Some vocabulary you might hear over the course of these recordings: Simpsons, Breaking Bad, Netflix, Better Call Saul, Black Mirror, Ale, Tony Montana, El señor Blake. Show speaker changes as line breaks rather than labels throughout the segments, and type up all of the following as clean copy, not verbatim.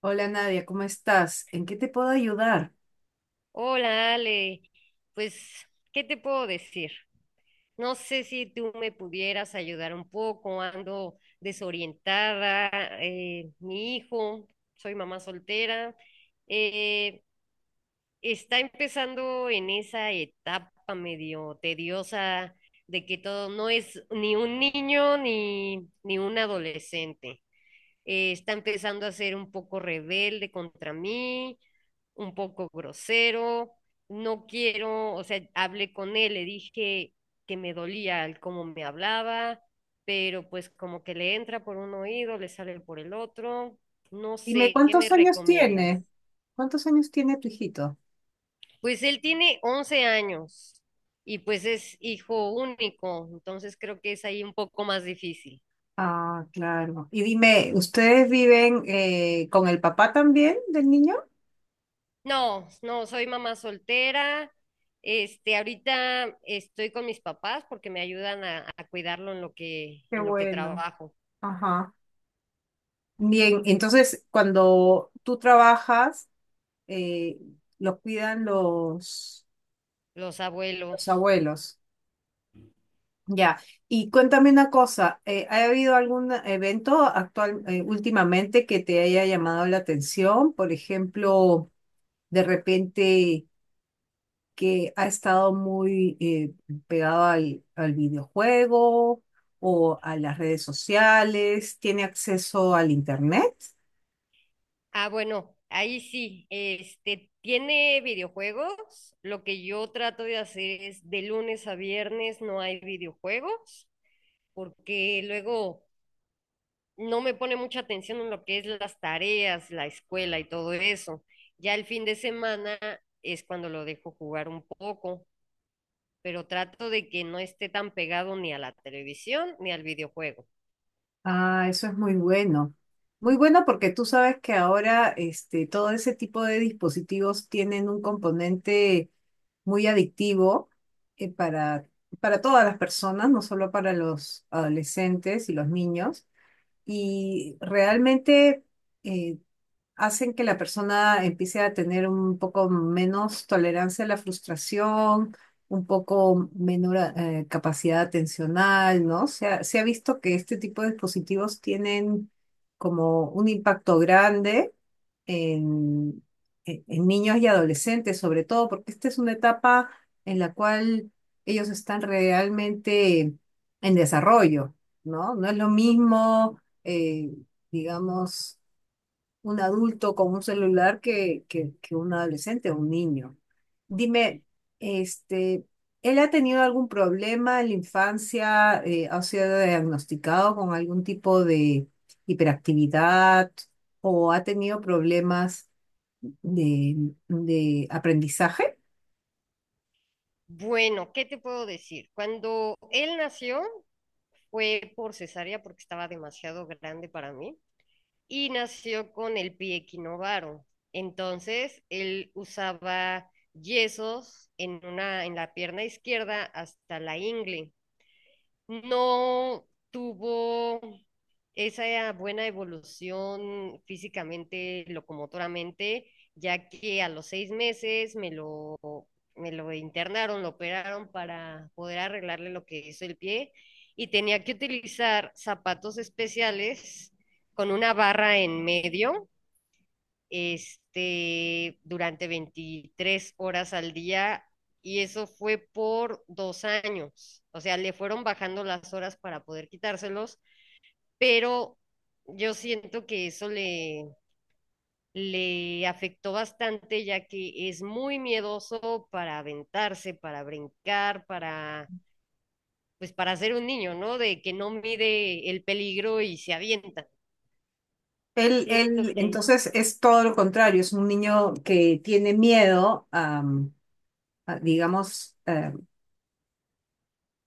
Hola Nadia, ¿cómo estás? ¿En qué te puedo ayudar?
Hola, Ale. Pues, ¿qué te puedo decir? No sé si tú me pudieras ayudar un poco. Ando desorientada. Mi hijo, soy mamá soltera, eh, está empezando en esa etapa medio tediosa de que todo no es ni un niño ni un adolescente. Está empezando a ser un poco rebelde contra mí, un poco grosero, no quiero, o sea, hablé con él, le dije que me dolía el cómo me hablaba, pero pues como que le entra por un oído, le sale por el otro, no
Dime,
sé, ¿qué me
¿cuántos años tiene?
recomiendas?
¿Cuántos años tiene tu hijito?
Pues él tiene 11 años y pues es hijo único, entonces creo que es ahí un poco más difícil.
Ah, claro. Y dime, ¿ustedes viven con el papá también del niño?
No, no, soy mamá soltera. Este, ahorita estoy con mis papás porque me ayudan a cuidarlo
Qué
en lo que
bueno.
trabajo,
Ajá. Bien, entonces cuando tú trabajas, eh, los cuidan
los
los
abuelos.
abuelos. Ya. Y cuéntame una cosa, ¿ha habido algún evento actual, últimamente que te haya llamado la atención? Por ejemplo, de repente que ha estado muy pegado al videojuego o a las redes sociales, tiene acceso al internet.
Ah, bueno, ahí sí, este, tiene videojuegos. Lo que yo trato de hacer es de lunes a viernes no hay videojuegos, porque luego no me pone mucha atención en lo que es las tareas, la escuela y todo eso. Ya el fin de semana es cuando lo dejo jugar un poco. Pero trato de que no esté tan pegado ni a la televisión ni al videojuego.
Ah, eso es muy bueno. Muy bueno porque tú sabes que ahora este, todo ese tipo de dispositivos tienen un componente muy adictivo eh, para, para todas las personas, no solo para los adolescentes y los niños. Y realmente eh, hacen que la persona empiece a tener un poco menos tolerancia a la frustración, un poco menor capacidad atencional, ¿no? Se ha visto que este tipo de dispositivos tienen como un impacto grande en, en niños y adolescentes, sobre todo porque esta es una etapa en la cual ellos están realmente en desarrollo, ¿no? No es lo mismo, digamos un adulto con un celular que un adolescente o un niño. Dime, este, ¿él ha tenido algún problema en la infancia? ¿Ha sido diagnosticado con algún tipo de hiperactividad o ha tenido problemas de, de aprendizaje?
Bueno, ¿qué te puedo decir? Cuando él nació fue por cesárea porque estaba demasiado grande para mí y nació con el pie equinovaro. Entonces, él usaba yesos en una en la pierna izquierda hasta la ingle. No tuvo esa buena evolución físicamente, locomotoramente, ya que a los 6 meses me lo internaron, lo operaron para poder arreglarle lo que hizo el pie y tenía que utilizar zapatos especiales con una barra en medio, este, durante 23 horas al día y eso fue por 2 años. O sea, le fueron bajando las horas para poder quitárselos pero yo siento que le afectó bastante, ya que es muy miedoso para aventarse, para brincar, para, pues para ser un niño, ¿no? De que no mide el peligro y se avienta. Siento que
Entonces es todo lo contrario, es un niño que tiene miedo digamos,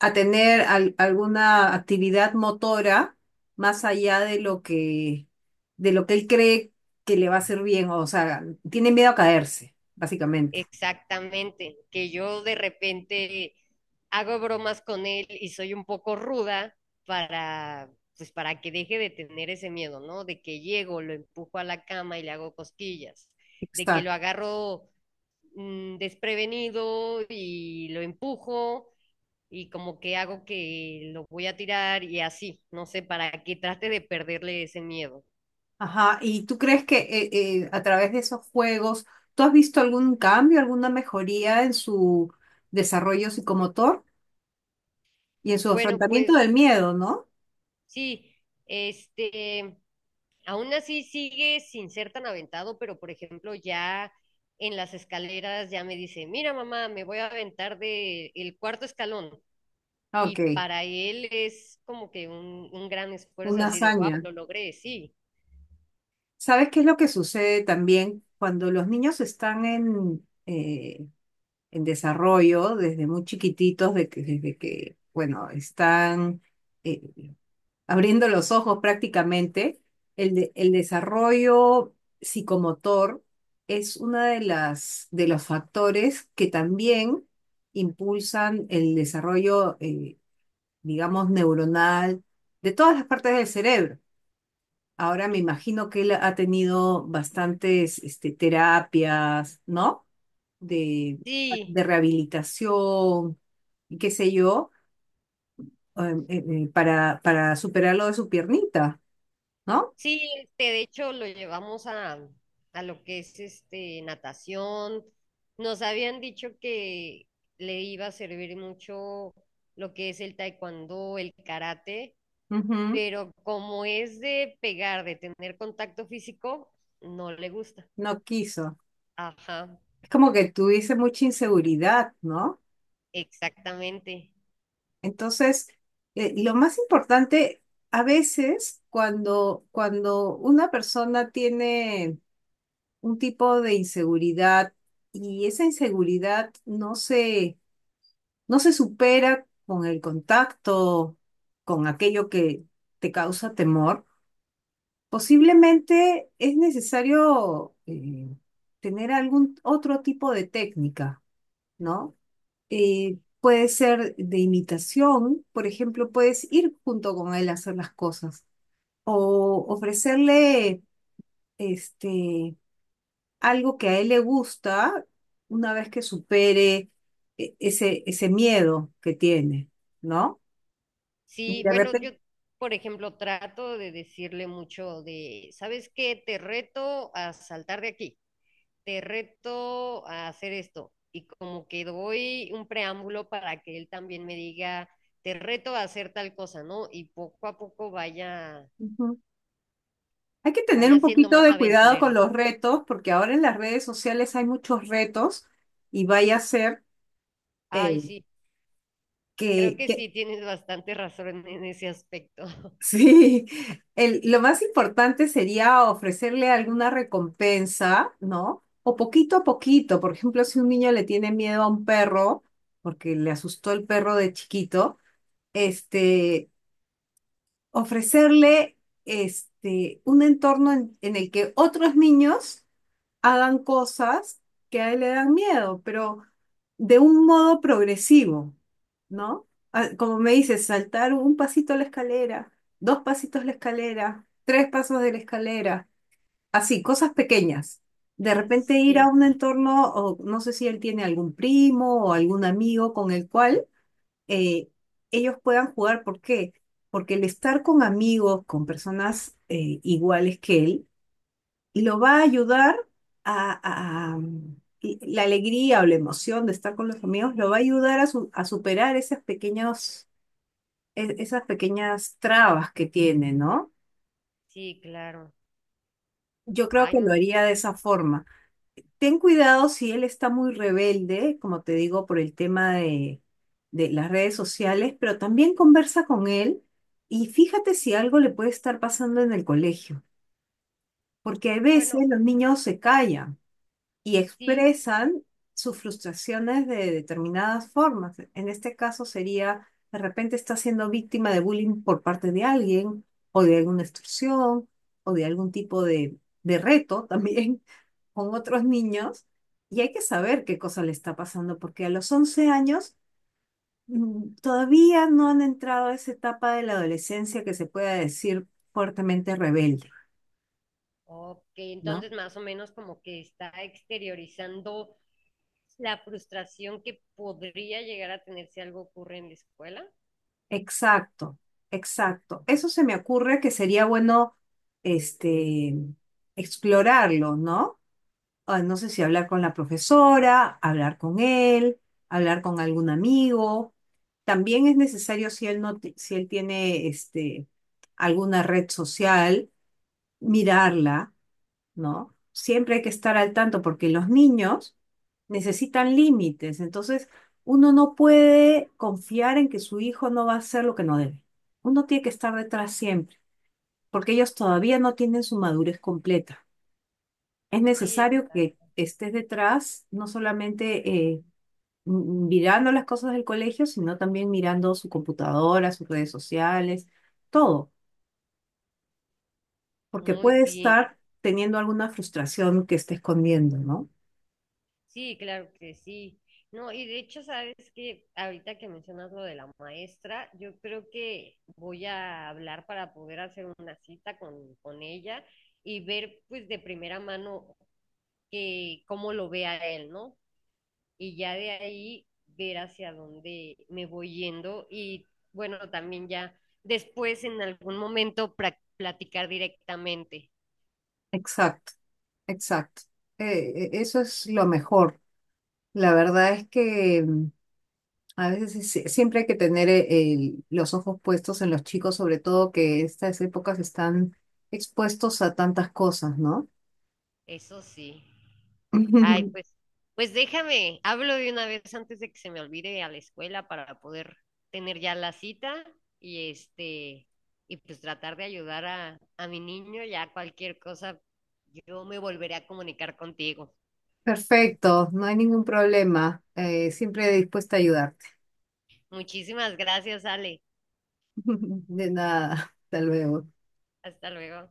a tener alguna actividad motora más allá de de lo que él cree que le va a hacer bien, o sea, tiene miedo a caerse, básicamente.
exactamente, que yo de repente hago bromas con él y soy un poco ruda para, pues para que deje de tener ese miedo, ¿no? De que llego, lo empujo a la cama y le hago cosquillas, de que lo
Exacto.
agarro desprevenido y lo empujo y como que hago que lo voy a tirar y así, no sé, para que trate de perderle ese miedo.
Ajá, ¿y tú crees que a través de esos juegos, tú has visto algún cambio, alguna mejoría en su desarrollo psicomotor y en su
Bueno,
afrontamiento del
pues
miedo, ¿no?
sí, este... Aún así sigue sin ser tan aventado, pero por ejemplo ya en las escaleras ya me dice, mira mamá, me voy a aventar de el cuarto escalón.
Ok,
Y para él es como que un gran esfuerzo
una
así de, wow,
hazaña.
lo logré, sí,
¿Sabes qué es lo que sucede también cuando los niños están en desarrollo desde muy chiquititos, desde que, bueno, están eh, abriendo los ojos prácticamente, el desarrollo psicomotor es una de de los factores que también impulsan el desarrollo, digamos, neuronal de todas las partes del cerebro. Ahora me imagino que él ha tenido bastantes este, terapias, ¿no? De,
sí,
de rehabilitación, y qué sé yo, para superar lo de su piernita, ¿no?
sí, este, de hecho lo llevamos a lo que es este, natación. Nos habían dicho que le iba a servir mucho lo que es el taekwondo, el karate,
Ujú.
pero como es de pegar, de tener contacto físico, no le gusta.
No quiso.
Ajá,
Es como que tuviese mucha inseguridad, ¿no?
exactamente.
Entonces, lo más importante, a veces, cuando una persona tiene un tipo de inseguridad y esa inseguridad no se supera con el contacto, con aquello que te causa temor. Posiblemente es necesario tener algún otro tipo de técnica, ¿no? Puede ser de imitación, por ejemplo, puedes ir junto con él a hacer las cosas o ofrecerle este, algo que a él le gusta una vez que supere ese miedo que tiene, ¿no?
Sí,
De
bueno, yo,
repente,
por ejemplo, trato de decirle mucho de, ¿sabes qué? Te reto a saltar de aquí, te reto a hacer esto. Y como que doy un preámbulo para que él también me diga, te reto a hacer tal cosa, ¿no? Y poco a poco
ujú. Hay que tener un
vaya siendo
poquito
más
de cuidado con
aventurero.
los retos, porque ahora en las redes sociales hay muchos retos y vaya a ser
Ay,
eh,
sí. Creo
que,
que
que-
sí, tienes bastante razón en ese aspecto.
sí, lo más importante sería ofrecerle alguna recompensa, ¿no? O poquito a poquito, por ejemplo, si un niño le tiene miedo a un perro, porque le asustó el perro de chiquito, este, ofrecerle este, un entorno en el que otros niños hagan cosas que a él le dan miedo, pero de un modo progresivo, ¿no? Ah, como me dices, saltar un pasito a la escalera, dos pasitos a la escalera, tres pasos de la escalera, así, cosas pequeñas. De repente ir
Sí,
a un entorno, o no sé si él tiene algún primo o algún amigo con el cual eh, ellos puedan jugar. ¿Por qué? Porque el estar con amigos, con personas iguales que él, lo va a ayudar a, a- y la alegría o la emoción de estar con los amigos, lo va a ayudar a, a superar esas pequeñas trabas que tiene, ¿no?
sí, claro.
Yo creo
Ay,
que lo
no.
haría de esa forma. Ten cuidado si él está muy rebelde, como te digo, por el tema de las redes sociales, pero también conversa con él y fíjate si algo le puede estar pasando en el colegio, porque a veces
Bueno,
los niños se callan y
sí,
expresan sus frustraciones de determinadas formas. En este caso sería, de repente está siendo víctima de bullying por parte de alguien o de alguna extorsión o de algún tipo de reto también con otros niños y hay que saber qué cosa le está pasando, porque a los 11 años mm, todavía no han entrado a esa etapa de la adolescencia que se pueda decir fuertemente rebelde,
ok,
¿no?
entonces más o menos como que está exteriorizando la frustración que podría llegar a tener si algo ocurre en la escuela.
Exacto, exacto. Eso se me ocurre que sería bueno, este, explorarlo, ¿no? Ah, no sé si hablar con la profesora, hablar con él, hablar con algún amigo. También es necesario si él si él tiene este, alguna red social, mirarla, ¿no? Siempre hay que estar al tanto porque los niños necesitan límites. Entonces, uno no puede confiar en que su hijo no va a hacer lo que no debe. Uno tiene que estar detrás siempre, porque ellos todavía no tienen su madurez completa. Es
Sí,
necesario que
exacto.
estés detrás, no solamente eh, mirando las cosas del colegio, sino también mirando su computadora, sus redes sociales, todo, porque
Muy
puede
bien.
estar teniendo alguna frustración que esté escondiendo, ¿no?
Sí, claro que sí. No, y de hecho, sabes que ahorita que mencionas lo de la maestra, yo creo que voy a hablar para poder hacer una cita con ella y ver pues de primera mano que cómo lo ve a él, ¿no? Y ya de ahí ver hacia dónde me voy yendo y bueno, también ya después en algún momento platicar directamente.
Exacto, exacto. Eso es lo mejor. La verdad es que mm, a veces siempre hay que tener los ojos puestos en los chicos, sobre todo que estas épocas están expuestos a tantas cosas, ¿no?
Eso sí. Ay, pues, pues déjame, hablo de una vez antes de que se me olvide a la escuela para poder tener ya la cita y este, y pues tratar de ayudar a mi niño, ya cualquier cosa, yo me volveré a comunicar contigo.
Perfecto, no hay ningún problema. Siempre dispuesta a ayudarte.
Muchísimas gracias, Ale.
De nada, hasta luego.
Hasta luego.